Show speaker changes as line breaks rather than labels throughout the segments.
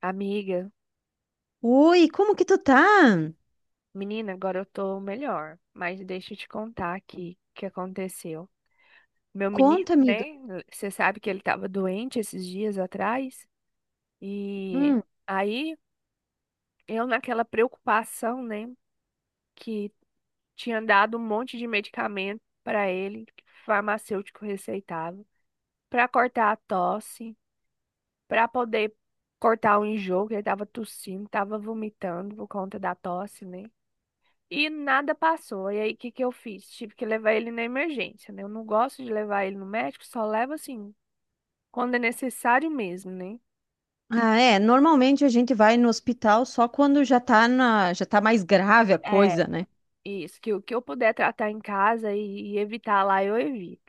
Amiga,
Oi, como que tu tá?
menina, agora eu tô melhor, mas deixa eu te contar aqui o que aconteceu. Meu menino,
Conta, amiga.
né? Você sabe que ele tava doente esses dias atrás, e
Hum.
aí eu, naquela preocupação, né, que tinha dado um monte de medicamento pra ele, que o farmacêutico receitava, pra cortar a tosse, pra poder cortar o enjoo, que ele tava tossindo, tava vomitando por conta da tosse, né? E nada passou. E aí, o que que eu fiz? Tive que levar ele na emergência, né? Eu não gosto de levar ele no médico, só levo assim, quando é necessário mesmo, né?
Ah, é, normalmente a gente vai no hospital só quando já tá mais grave a
É,
coisa, né?
isso, que o que eu puder tratar em casa e evitar lá, eu evito.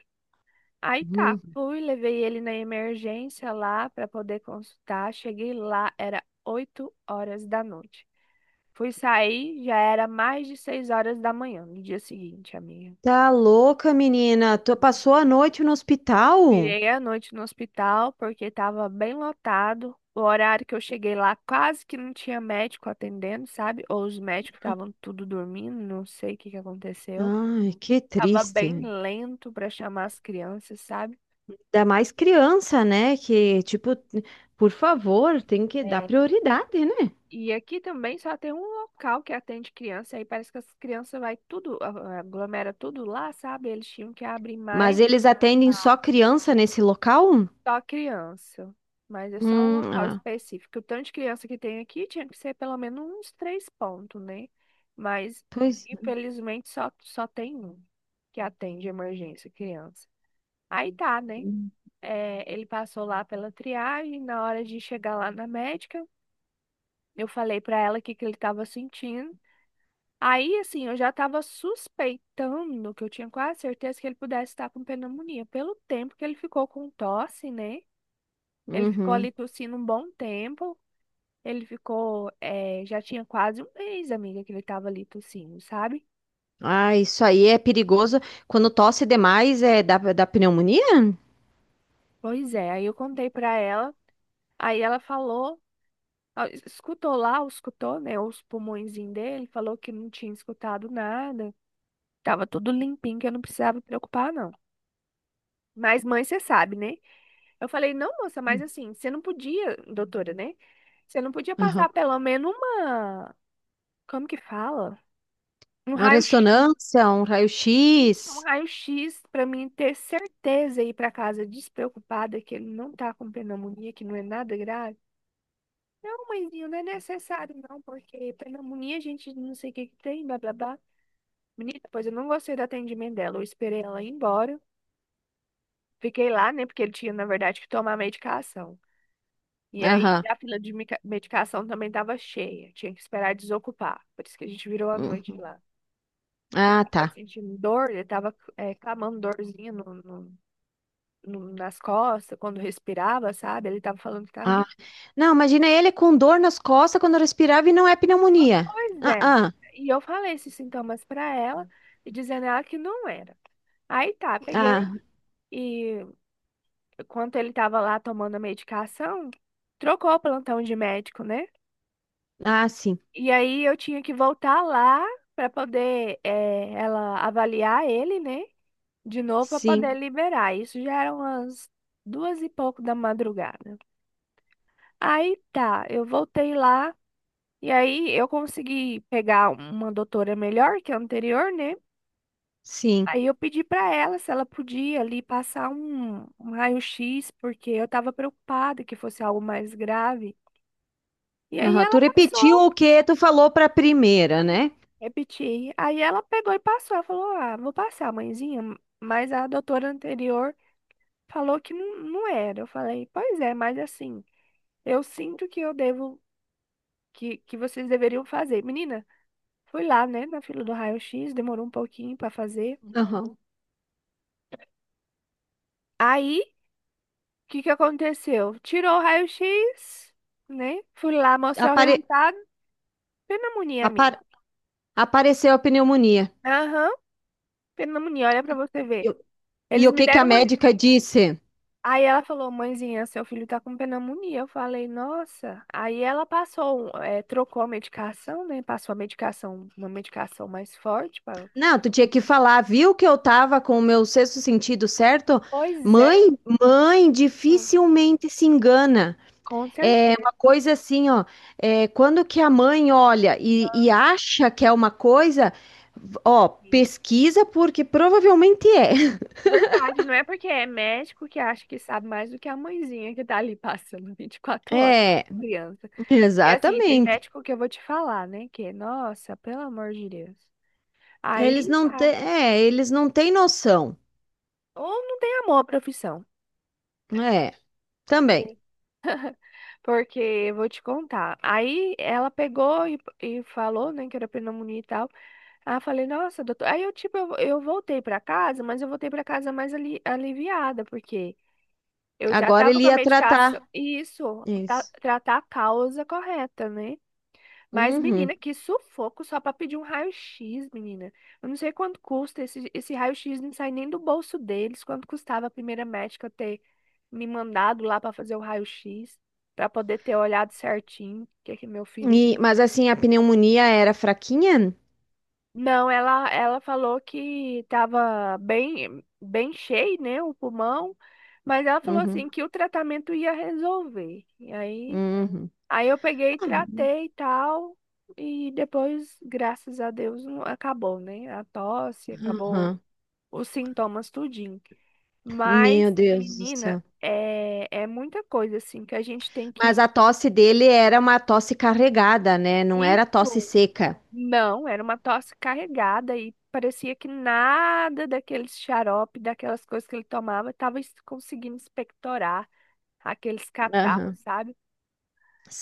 Aí tá,
Uhum.
fui, levei ele na emergência lá para poder consultar. Cheguei lá, era 8 horas da noite. Fui sair, já era mais de 6 horas da manhã no dia seguinte, amiga.
Tá louca, menina? Tu passou a noite no hospital?
Virei a noite no hospital porque estava bem lotado. O horário que eu cheguei lá quase que não tinha médico atendendo, sabe? Ou os médicos estavam tudo dormindo, não sei o que que aconteceu.
Ai, que
Tava
triste.
bem lento para chamar as crianças, sabe?
Ainda mais
E
criança, né?
e-
Que, tipo, por favor, tem que dar
é,
prioridade, né?
e aqui também só tem um local que atende criança, aí parece que as crianças vai tudo, aglomera tudo lá, sabe? Eles tinham que abrir
Mas
mais.
eles atendem só criança nesse local?
Só criança. Mas é só um local
Ah,
específico. O tanto de criança que tem aqui tinha que ser pelo menos uns três pontos, né? Mas,
pois.
infelizmente, só tem um que atende emergência criança. Aí tá, né? É, ele passou lá pela triagem. Na hora de chegar lá na médica, eu falei pra ela o que, que ele tava sentindo. Aí, assim, eu já tava suspeitando que eu tinha quase certeza que ele pudesse estar com pneumonia, pelo tempo que ele ficou com tosse, né? Ele ficou
Uhum.
ali tossindo um bom tempo. Ele ficou, já tinha quase um mês, amiga, que ele tava ali tossindo, sabe?
Ah, isso aí é perigoso. Quando tosse demais, é da pneumonia?
Pois é, aí eu contei pra ela, aí ela falou, ah, escutou lá, escutou, né, os pulmõezinhos dele, falou que não tinha escutado nada, tava tudo limpinho, que eu não precisava me preocupar, não. Mas mãe, você sabe, né? Eu falei, não, moça, mas
Hum.
assim, você não podia, doutora, né? Você não podia passar
Aham.
pelo menos uma, como que fala? Um
Uma
raio-x.
ressonância, um
E um
raio-x.
raio-x para mim ter certeza e ir para casa despreocupada que ele não tá com pneumonia, que não é nada grave. Não, mãezinho, não é necessário não, porque pneumonia a gente não sei o que que tem, blá blá blá. Menina, pois eu não gostei do atendimento dela. Eu esperei ela ir embora. Fiquei lá, né, porque ele tinha, na verdade, que tomar medicação. E aí
Aham.
a fila de medicação também tava cheia. Tinha que esperar desocupar. Por isso que a gente virou a
Hum.
noite lá. Que ele
Ah,
tava
tá.
sentindo dor, ele tava, clamando dorzinha nas costas, quando respirava, sabe? Ele tava falando que tava
Ah.
do.
Não, imagina ele com dor nas costas quando respirava e não é pneumonia.
Pois
Ah,
é.
ah,
E eu falei esses sintomas pra ela e dizendo a ela que não era. Aí tá, peguei
ah,
e enquanto ele tava lá tomando a medicação, trocou o plantão de médico, né?
ah, sim,
E aí eu tinha que voltar lá pra poder ela avaliar ele, né? De novo pra poder
sim,
liberar. Isso já eram umas duas e pouco da madrugada. Aí tá, eu voltei lá. E aí eu consegui pegar uma doutora melhor que é a anterior, né?
sim.
Aí eu pedi para ela se ela podia ali passar um raio-x, porque eu estava preocupada que fosse algo mais grave. E aí
Aham. Tu
ela
repetiu
passou,
o que tu falou para a primeira, né?
repeti. Aí ela pegou e passou. Ela falou: Ah, vou passar, mãezinha. Mas a doutora anterior falou que não, não era. Eu falei: Pois é, mas assim, eu sinto que eu devo, que vocês deveriam fazer. Menina, fui lá, né, na fila do raio-x, demorou um pouquinho para fazer.
Aham.
Aí, o que que aconteceu? Tirou o raio-x, né? Fui lá mostrar o
Apare-
resultado. Pneumonia, amiga.
apar- Apareceu a pneumonia.
Aham, pneumonia, olha pra você ver.
E, o- e
Eles
o
me
que que a
deram uma.
médica disse?
Aí ela falou, mãezinha, seu filho tá com pneumonia. Eu falei, nossa. Aí ela passou, trocou a medicação, né? Passou a medicação, uma medicação mais forte. Para.
Não, tu tinha que falar, viu que eu tava com o meu sexto sentido certo?
Pois é,
Mãe, mãe
hum,
dificilmente se engana.
com
É
certeza.
uma coisa assim, ó. É, quando que a mãe olha e acha que é uma coisa, ó,
Sim.
pesquisa porque provavelmente é.
Verdade, não é porque é médico que acha que sabe mais do que a mãezinha que tá ali passando 24 horas com
É,
a criança. E assim, tem
exatamente.
médico que eu vou te falar, né? Que, nossa, pelo amor de Deus.
Eles
Aí,
não
tá.
têm, é, eles não têm noção.
Ou não tem amor à profissão.
É, também.
Sim. Porque, eu vou te contar. Aí, ela pegou e falou, né, que era pneumonia e tal. Aí, eu falei, nossa, doutor. Aí, eu, tipo, eu voltei pra casa, mas eu voltei pra casa mais ali, aliviada, porque eu já
Agora
tava
ele
com a
ia
medicação.
tratar
E isso,
isso.
tratar a causa correta, né? Mas,
Uhum.
menina, que sufoco só pra pedir um raio-x, menina. Eu não sei quanto custa esse raio-x, não sai nem do bolso deles. Quanto custava a primeira médica ter me mandado lá pra fazer o raio-x, pra poder ter olhado certinho o que é que meu filho.
Mas assim, a pneumonia era fraquinha?
Não, ela falou que tava bem, bem cheio, né, o pulmão, mas ela falou
Uhum,
assim que o tratamento ia resolver. E aí
uhum,
aí eu peguei e tratei e tal. E depois, graças a Deus, acabou, né? A tosse, acabou
uhum.
os sintomas tudinho.
Meu
Mas,
Deus do
menina,
céu.
é muita coisa, assim, que a gente tem
Mas
que.
a tosse dele era uma tosse carregada, né? Não era tosse
Isso
seca.
não, era uma tosse carregada e parecia que nada daqueles xarope, daquelas coisas que ele tomava, estava conseguindo expectorar aqueles catarros,
Aham,
sabe?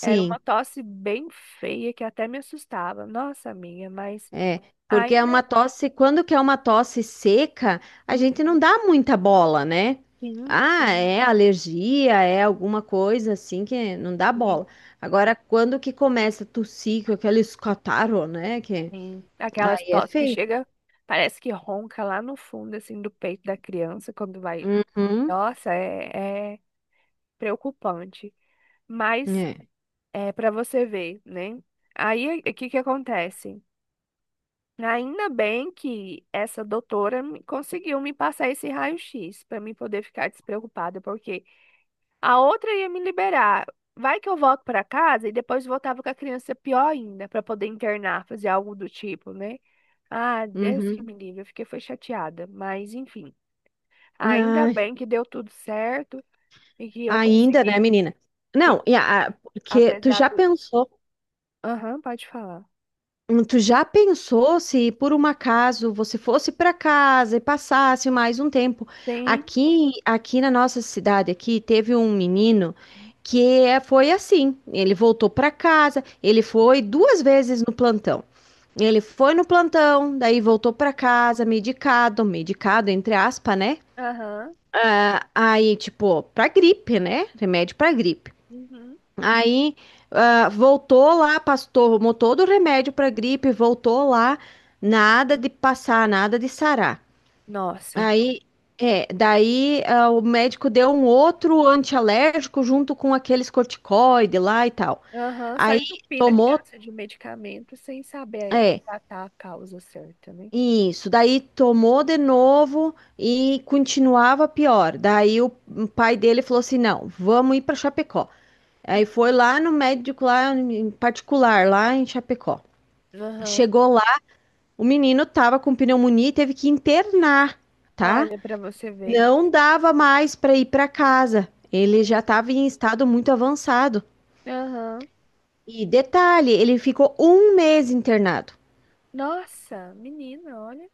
Era uma tosse bem feia que até me assustava. Nossa, amiga, mas.
é. Porque é
Ainda.
uma tosse, quando que é uma tosse seca, a gente não
Uhum.
dá muita bola, né?
Sim,
Ah,
sim,
é alergia, é alguma coisa assim que não dá bola.
sim,
Agora, quando que começa a tossir com aqueles catarro, né? Que
sim. Aquelas
aí é
tosse que
feio.
chega, parece que ronca lá no fundo, assim, do peito da criança quando vai.
Uhum,
Nossa, é preocupante. Mas
é.
é para você ver, né? Aí, o que que acontece? Ainda bem que essa doutora conseguiu me passar esse raio-x para mim poder ficar despreocupada, porque a outra ia me liberar. Vai que eu volto pra casa e depois voltava com a criança pior ainda, pra poder internar, fazer algo do tipo, né? Ah, Deus que
Uhum.
me livre, eu fiquei foi chateada, mas enfim. Ainda bem que deu tudo certo e que eu
Ainda, né,
consegui,
menina? Não,
sim,
porque tu
apesar
já
do.
pensou,
Aham, pode falar.
hum, tu já pensou se por um acaso você fosse para casa e passasse mais um tempo
Sim.
aqui na nossa cidade aqui teve um menino foi assim, ele voltou para casa, ele foi duas vezes no plantão. Ele foi no plantão, daí voltou para casa medicado, medicado entre aspas, né?
Aham.
Ah, aí, tipo, pra gripe, né? Remédio pra gripe.
Uhum.
Aí, voltou lá, pastor, tomou todo o remédio para gripe, voltou lá, nada de passar, nada de sarar.
Nossa.
Aí, daí, o médico deu um outro antialérgico junto com aqueles corticoide lá e tal.
Aham, só
Aí,
entupindo a
tomou,
criança de medicamento sem saber
é,
tratar a causa certa, né?
isso. Daí, tomou de novo e continuava pior. Daí, o pai dele falou assim: não, vamos ir para Chapecó. Aí, foi
Uhum.
lá no médico lá em particular, lá em Chapecó.
Aham.
Chegou lá, o menino tava com pneumonia e teve que internar, tá?
Olha pra você ver.
Não dava mais para ir para casa. Ele já
Sim.
estava em estado muito avançado.
Aham.
E detalhe, ele ficou um mês internado,
Nossa, menina, olha.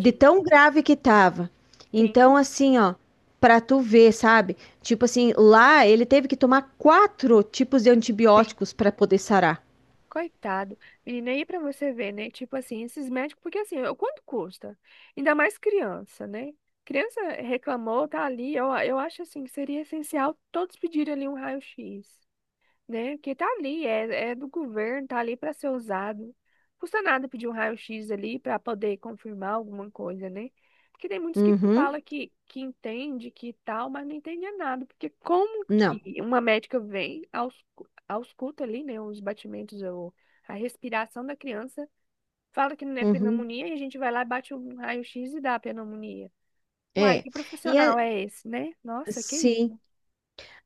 de tão grave que tava. Então,
Sim,
assim, ó, pra tu ver, sabe? Tipo assim, lá ele teve que tomar quatro tipos de
sim.
antibióticos para poder sarar.
Coitado. Menina, aí pra você ver, né? Tipo assim, esses médicos, porque assim, ó, quanto custa? Ainda mais criança, né? Criança reclamou, tá ali. Eu acho assim que seria essencial todos pedirem ali um raio-x. Né? Que tá ali, é do governo, tá ali para ser usado. Custa nada pedir um raio-x ali para poder confirmar alguma coisa, né? Porque tem muitos que
Uhum,
falam que entende, que tal, mas não entende nada. Porque como
não.
que uma médica vem, ausculta ali, né, os batimentos ou a respiração da criança, fala que não é
Uhum,
pneumonia e a gente vai lá e bate um raio-x e dá a pneumonia. Uai,
é.
que
E a-
profissional é esse, né? Nossa, que
sim.
isso.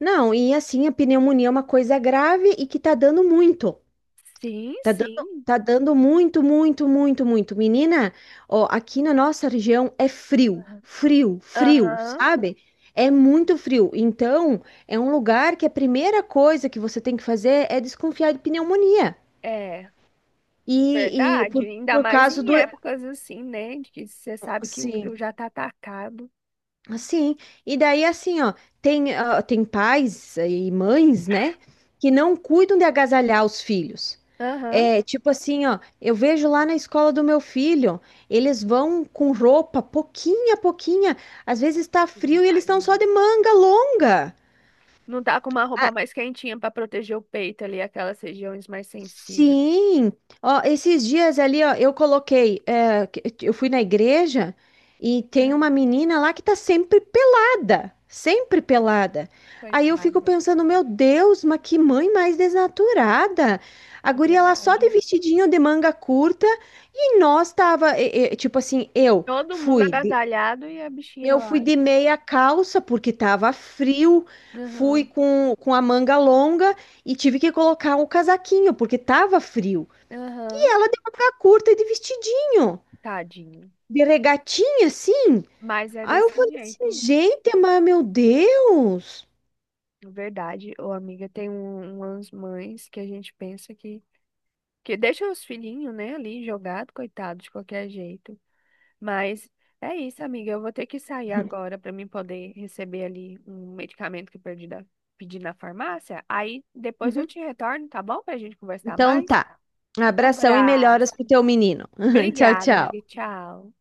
Não, e assim, a pneumonia é uma coisa grave e que tá dando muito.
Sim, sim.
Tá dando muito, muito, muito, muito. Menina, ó, aqui na nossa região é frio,
Aham.
frio, frio,
Aham,
sabe? É muito frio. Então, é um lugar que a primeira coisa que você tem que fazer é desconfiar de pneumonia.
é.
E
Verdade,
por,
ainda
por
mais
causa
em
do.
épocas assim, né? De que você sabe que o frio
Sim,
já tá atacado.
assim. E daí, assim, ó, tem pais e mães, né, que não cuidam de agasalhar os filhos.
Aham.
É, tipo assim, ó, eu vejo lá na escola do meu filho, eles vão com roupa pouquinha a pouquinha, às vezes tá
Tadinho,
frio e eles estão só
tadinho.
de manga longa.
Não tá com uma roupa mais quentinha pra proteger o peito ali, aquelas regiões mais sensíveis.
Sim, ó, esses dias ali, ó, eu coloquei, é, que- eu fui na igreja e tem uma
Ah,
menina lá que tá sempre pelada, sempre pelada. Aí eu fico
coitada.
pensando, meu Deus, mas que mãe mais desnaturada. A
É
guria lá só de
verdade.
vestidinho de manga curta e nós tava, tipo assim, eu
Todo mundo
fui
agasalhado e a bichinha
eu
lá.
fui de meia calça porque estava frio, fui
Aham,
com a manga longa e tive que colocar um casaquinho porque estava frio. E
aham.
ela de manga curta e de vestidinho,
Tadinho.
de regatinha assim.
Mas é
Aí eu
desse
falei assim,
jeito.
gente, mas meu Deus.
Verdade, ô amiga, tem umas mães que a gente pensa que deixa os filhinhos, né, ali jogado, coitado, de qualquer jeito. Mas é isso, amiga. Eu vou ter que sair agora para mim poder receber ali um medicamento que eu perdi pedi na farmácia. Aí depois eu
Uhum.
te retorno, tá bom? Pra gente conversar
Então
mais.
tá.
Um
Abração e melhoras pro
abraço.
teu menino. Tchau,
Obrigada, amiga.
tchau.
Tchau.